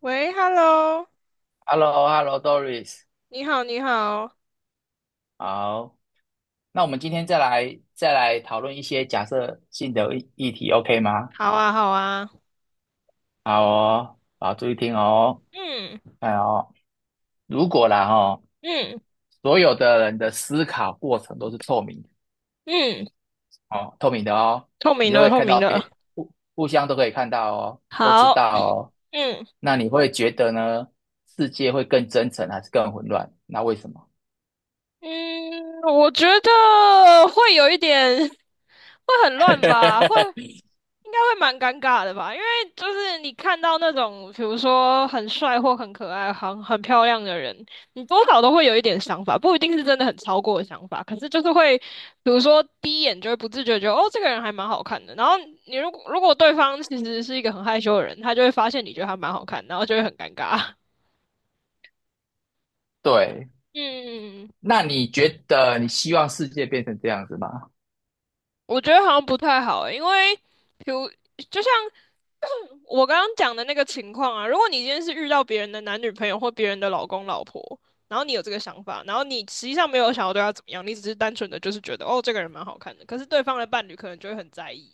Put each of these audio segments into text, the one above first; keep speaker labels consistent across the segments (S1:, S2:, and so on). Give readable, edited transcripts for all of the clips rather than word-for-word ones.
S1: 喂，Hello，
S2: Hello Hello Doris
S1: 你好，你好，
S2: 好。那我们今天再来讨论一些假设性的议题，OK 吗？
S1: 好啊，好啊，
S2: 好哦，好，注意听哦。
S1: 嗯
S2: 哎哦，如果啦哦，
S1: 嗯
S2: 所有的人的思考过程都是透明的
S1: 嗯，
S2: 哦，透明的哦。
S1: 透明
S2: 你都
S1: 的，
S2: 会
S1: 透
S2: 看
S1: 明
S2: 到
S1: 的，
S2: 别互互相都可以看到哦，都知
S1: 好，
S2: 道 哦。
S1: 嗯。
S2: 那你会觉得呢，世界会更真诚还是更混乱？那为什么？
S1: 嗯，我觉得会有一点，会很乱吧，会 应该会蛮尴尬的吧，因为就是你看到那种，比如说很帅或很可爱、很漂亮的人，你多少都会有一点想法，不一定是真的很超过的想法，可是就是会，比如说第一眼就会不自觉地觉得哦，这个人还蛮好看的，然后你如果对方其实是一个很害羞的人，他就会发现你觉得他蛮好看，然后就会很尴尬。
S2: 对。
S1: 嗯。
S2: 那你觉得你希望世界变成这样子吗？
S1: 我觉得好像不太好欸，因为比如就像 我刚刚讲的那个情况啊，如果你今天是遇到别人的男女朋友或别人的老公老婆，然后你有这个想法，然后你实际上没有想要对他怎么样，你只是单纯的就是觉得哦这个人蛮好看的，可是对方的伴侣可能就会很在意，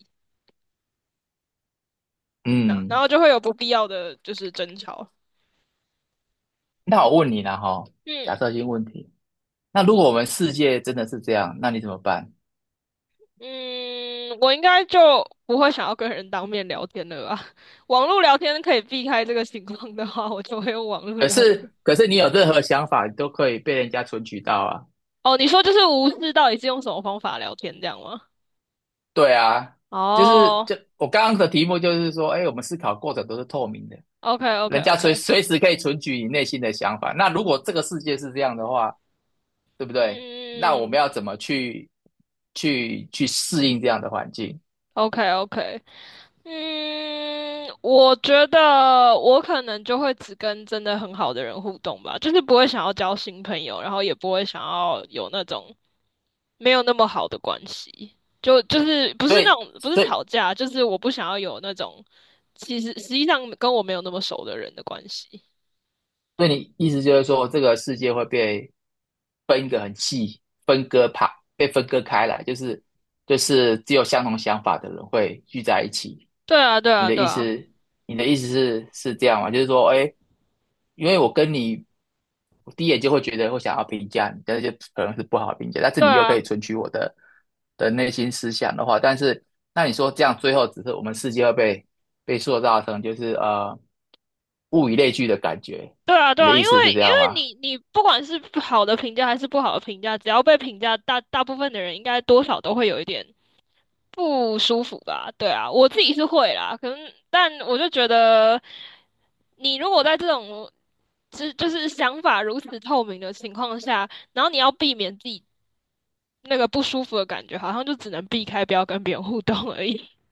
S1: 然然
S2: 嗯。
S1: 后就会有不必要的就是争吵。
S2: 那我问你了哈，假
S1: 嗯，
S2: 设性问题，那如果我们世界真的是这样，那你怎么办？
S1: 嗯，我应该就不会想要跟人当面聊天了吧？网络聊天可以避开这个情况的话，我就会用网络
S2: 可
S1: 聊天。
S2: 是，可是你有任何想法，你都可以被人家存取到啊。
S1: 哦，你说就是无视到底是用什么方法聊天这样吗？
S2: 对啊。就是
S1: 哦
S2: 就我刚刚的题目就是说，哎，我们思考过程都是透明的，
S1: ，OK OK
S2: 人家随
S1: OK，
S2: 随时可以存取你内心的想法。那如果这个世界是这样的话，对不对？那我
S1: 嗯
S2: 们要怎么去适应这样的环境？
S1: ，OK OK，嗯，我觉得我可能就会只跟真的很好的人互动吧，就是不会想要交新朋友，然后也不会想要有那种没有那么好的关系，就是不
S2: 所
S1: 是那
S2: 以。
S1: 种不是
S2: 所以
S1: 吵架，就是我不想要有那种其实实际上跟我没有那么熟的人的关系。
S2: 所以，你意思就是说，这个世界会被分一个很细，分割怕被分割开来，就是只有相同想法的人会聚在一起。
S1: 对啊，对
S2: 你
S1: 啊，
S2: 的
S1: 对
S2: 意
S1: 啊，
S2: 思，你的意思是这样吗？就是说，哎，因为我跟你，我第一眼就会觉得会想要评价你，但是就可能是不好评价，但是
S1: 对
S2: 你又可以
S1: 啊。
S2: 存取我的内心思想的话，但是那你说这样最后只是我们世界会被塑造成就是物以类聚的感觉。
S1: 对啊，对
S2: 你的
S1: 啊，
S2: 意
S1: 因为
S2: 思是这
S1: 因
S2: 样
S1: 为
S2: 吗？
S1: 你不管是好的评价还是不好的评价，只要被评价，大部分的人应该多少都会有一点不舒服吧？对啊，我自己是会啦，可能但我就觉得，你如果在这种是就是想法如此透明的情况下，然后你要避免自己那个不舒服的感觉，好像就只能避开，不要跟别人互动而已。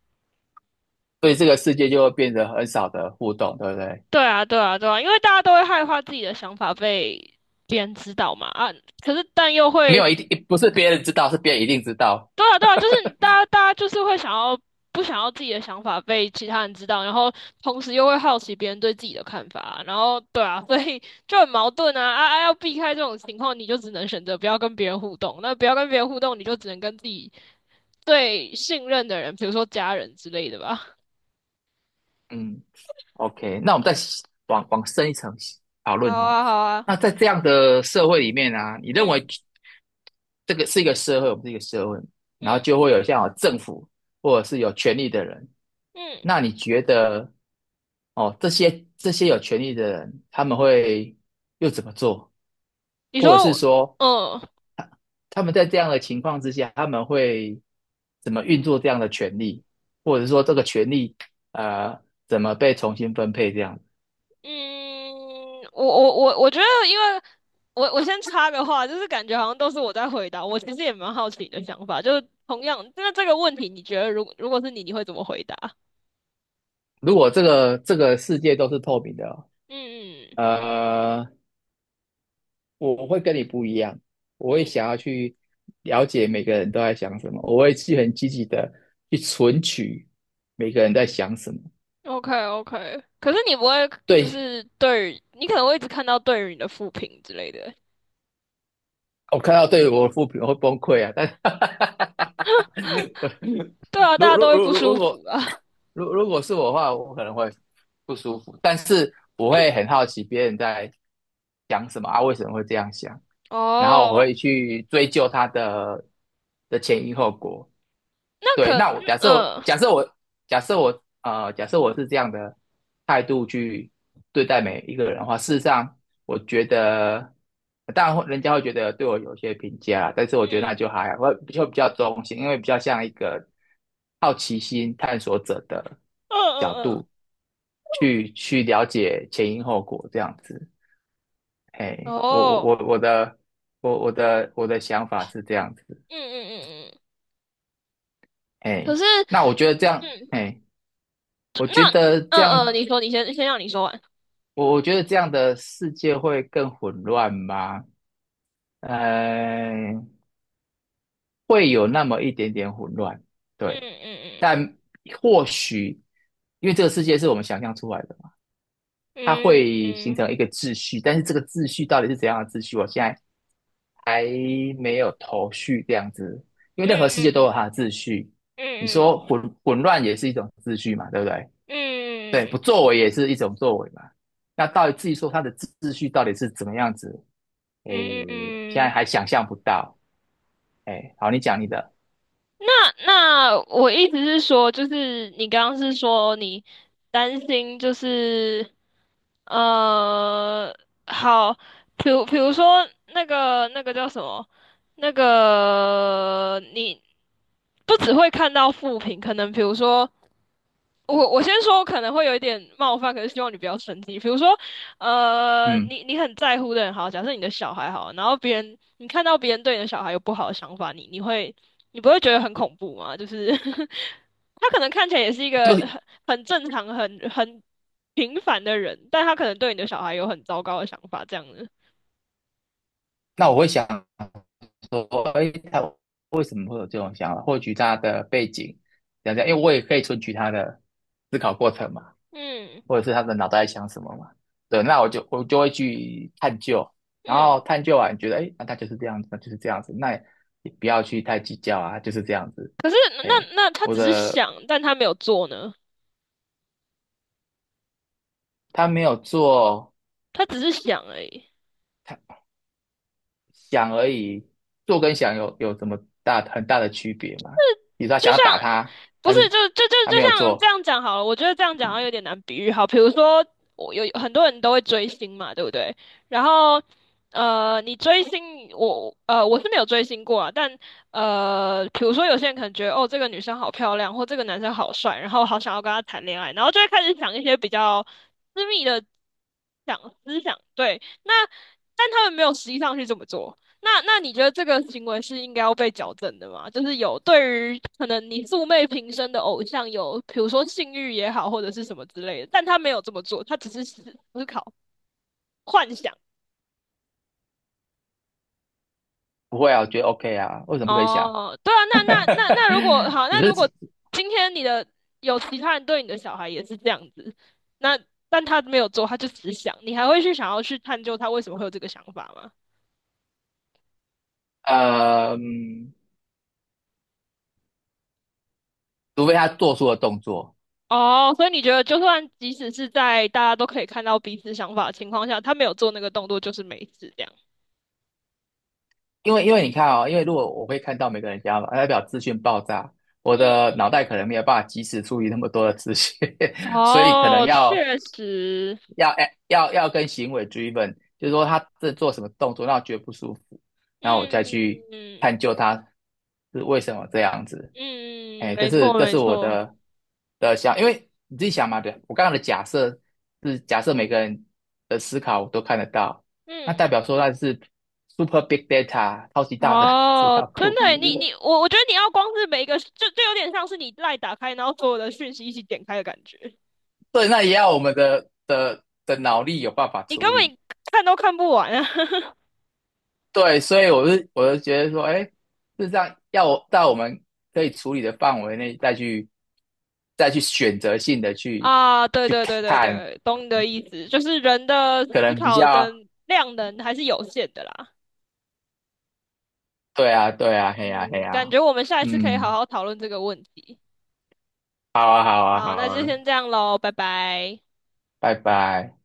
S2: 所以这个世界就会变得很少的互动，对不对？
S1: 对啊，对啊，对啊，因为大家都会害怕自己的想法被别人知道嘛，啊，可是但又
S2: 没
S1: 会
S2: 有一定，不是别人知道，是别人一定知道。
S1: 对啊，对啊，就是大家，大家就是会想要不想要自己的想法被其他人知道，然后同时又会好奇别人对自己的看法啊，然后对啊，所以就很矛盾啊啊啊！要避开这种情况，你就只能选择不要跟别人互动。那不要跟别人互动，你就只能跟自己最信任的人，比如说家人之类的吧。
S2: 嗯，OK。那我们再往深一层讨
S1: 好
S2: 论哦。
S1: 啊，好啊，
S2: 那在这样的社会里面啊，你认为
S1: 嗯
S2: 这个是一个社会，我们是一个社会，然后
S1: 嗯
S2: 就会有像有政府或者是有权力的人。
S1: 嗯，
S2: 那你觉得，哦，这些有权力的人，他们会又怎么做？
S1: 你
S2: 或者
S1: 说
S2: 是
S1: 我，
S2: 说，
S1: 嗯。
S2: 他们在这样的情况之下，他们会怎么运作这样的权利，或者说这个权利呃怎么被重新分配这样？
S1: 嗯，我觉得，因为我先插个话，就是感觉好像都是我在回答。我其实也蛮好奇你的想法，就是同样，那这个问题，你觉得如果是你，你会怎么回答？
S2: 如果这个世界都是透明的哦。
S1: 嗯
S2: 呃，我会跟你不一样，我会
S1: 嗯
S2: 想要去了解每个人都在想什么，我会去很积极的去存取每个人在想什么。
S1: ，OK OK。可是你不会，就
S2: 对，
S1: 是对于你可能会一直看到对于你的负评之类的。
S2: 我看到对我的负评我会崩溃啊，但是
S1: 对啊，大
S2: 如
S1: 家都
S2: 如
S1: 会
S2: 如
S1: 不
S2: 如
S1: 舒
S2: 如果
S1: 服啊。
S2: 如果是我的话，我可能会不舒服，但是我会很好奇别人在想什么啊，为什么会这样想，然后我
S1: 哦，
S2: 会去追究他的前因后果。
S1: 那
S2: 对。
S1: 可
S2: 那我假设我
S1: 嗯
S2: 假设我假设我呃假设我是这样的态度去对待每一个人的话，事实上我觉得，当然会人家会觉得对我有些评价啦，但是我觉
S1: 嗯
S2: 得那
S1: 嗯
S2: 就还好，我就比较中性，因为比较像一个好奇心探索者的
S1: 嗯
S2: 角
S1: 嗯
S2: 度去了解前因后果这样子。
S1: 嗯，
S2: 嘿，
S1: 哦，
S2: 我的想法是这样子。
S1: 嗯，可
S2: 嘿。
S1: 是。
S2: 那我觉得这样，
S1: 嗯。
S2: 嘿。我觉
S1: 那
S2: 得这
S1: 嗯
S2: 样，
S1: 嗯，你说，你先让你说完。
S2: 我觉得这样的世界会更混乱吗？呃，会有那么一点点混乱，
S1: 嗯
S2: 对。
S1: 嗯
S2: 但或许，因为这个世界是我们想象出来的嘛，它
S1: 嗯
S2: 会形
S1: 嗯
S2: 成一个秩序，但是这个秩序到底是怎样的秩序，我现在还没有头绪。这样子，因为任何世界都
S1: 嗯
S2: 有它的秩序，你说
S1: 嗯
S2: 混乱也是一种秩序嘛，对不对？对，不
S1: 嗯
S2: 作为也是一种作为嘛。那到底至于说他的秩序到底是怎么样子，诶，
S1: 嗯嗯
S2: 现在
S1: 嗯，
S2: 还想象不到。诶，好，你讲你的。
S1: 那那我意思是说，就是你刚刚是说你担心，就是呃，好，比如说那个那个叫什么，那个你不只会看到负评，可能比如说。我我先说我可能会有一点冒犯，可是希望你不要生气。比如说，呃，
S2: 嗯。
S1: 你你很在乎的人，好，假设你的小孩好，然后别人你看到别人对你的小孩有不好的想法，你会你不会觉得很恐怖吗？就是 他可能看起来也是一个
S2: 就
S1: 很正常、很平凡的人，但他可能对你的小孩有很糟糕的想法，这样子。
S2: 那我会想说，诶，他为什么会有这种想法？获取他的背景，讲讲，因为我也可以存取他的思考过程嘛。
S1: 嗯
S2: 或者是他的脑袋在想什么嘛。对，那我就会去探究，然后
S1: 嗯，
S2: 探究完觉得，哎，那他就是这样子，那就是这样子，那也不要去太计较啊，就是这样子。
S1: 可是
S2: 哎，
S1: 那那他
S2: 我
S1: 只是
S2: 的
S1: 想，但他没有做呢，
S2: 他没有做，
S1: 他只是想而已。
S2: 他想而已，做跟想有什么大很大的区别吗？比如说他
S1: 就
S2: 想要
S1: 像
S2: 打他，
S1: 不
S2: 但
S1: 是
S2: 是
S1: 就就就
S2: 他
S1: 就
S2: 没有
S1: 像这
S2: 做。
S1: 样讲好了，我觉得这样讲好像有点难比喻。好，比如说我有很多人都会追星嘛，对不对？然后呃，你追星，我呃我是没有追星过啊，但呃，比如说有些人可能觉得哦这个女生好漂亮，或这个男生好帅，然后好想要跟他谈恋爱，然后就会开始想一些比较私密的思想，对，那但他们没有实际上去这么做。那那你觉得这个行为是应该要被矫正的吗？就是有对于可能你素昧平生的偶像有，比如说性欲也好，或者是什么之类的，但他没有这么做，他只是思考、幻想。
S2: 不会啊，我觉得 OK 啊，为什么不可以想？
S1: 哦，对啊，那如果好，那如
S2: 只
S1: 果
S2: 是
S1: 今天你的有其他人对你的小孩也是这样子，那但他没有做，他就只想，你还会去想要去探究他为什么会有这个想法吗？
S2: 呃，嗯除非他做出了动作。
S1: 哦，所以你觉得，就算即使是在大家都可以看到彼此想法的情况下，他没有做那个动作，就是没事这样。
S2: 因为你看哦，因为如果我会看到每个人家嘛，代表资讯爆炸，我
S1: 嗯
S2: 的脑袋
S1: 嗯
S2: 可
S1: 嗯。
S2: 能没有办法及时处理那么多的资讯。所以可能
S1: 哦，
S2: 要
S1: 确实。
S2: 要哎要要跟行为 driven，就是说他这做什么动作让我觉得不舒服，然后我再
S1: 嗯
S2: 去
S1: 嗯
S2: 探究他是为什么这样子。
S1: 嗯，
S2: 哎，这
S1: 没
S2: 是
S1: 错
S2: 这
S1: 没
S2: 是我
S1: 错。
S2: 的想，因为你自己想嘛。对，我刚刚的假设是假设每个人的思考我都看得到，那
S1: 嗯，
S2: 代表说那是 super big data 超级大的 资
S1: 哦，
S2: 料
S1: 真
S2: 库。
S1: 的耶，你你我我觉得你要光是每一个，就有点像是你赖打开，然后所有的讯息一起点开的感觉，
S2: 对，那也要我们的脑力有办法
S1: 你根
S2: 处理。
S1: 本看都看不完啊。
S2: 对，所以我就觉得说，哎，事实上要我在我们可以处理的范围内再去选择性的去
S1: 啊，对
S2: 去
S1: 对对对
S2: 看，
S1: 对，懂你的意思，就是人的
S2: 可
S1: 思
S2: 能比
S1: 考
S2: 较
S1: 的量能还是有限的啦。
S2: 对啊，对啊，嘿呀，啊嘿
S1: 嗯，
S2: 呀，
S1: 感
S2: 啊
S1: 觉我们下一次可以好
S2: 嗯，
S1: 好讨论这个问题。
S2: 好啊，好啊，
S1: 好，
S2: 好
S1: 那就
S2: 啊，
S1: 先这样喽，拜拜。
S2: 拜拜。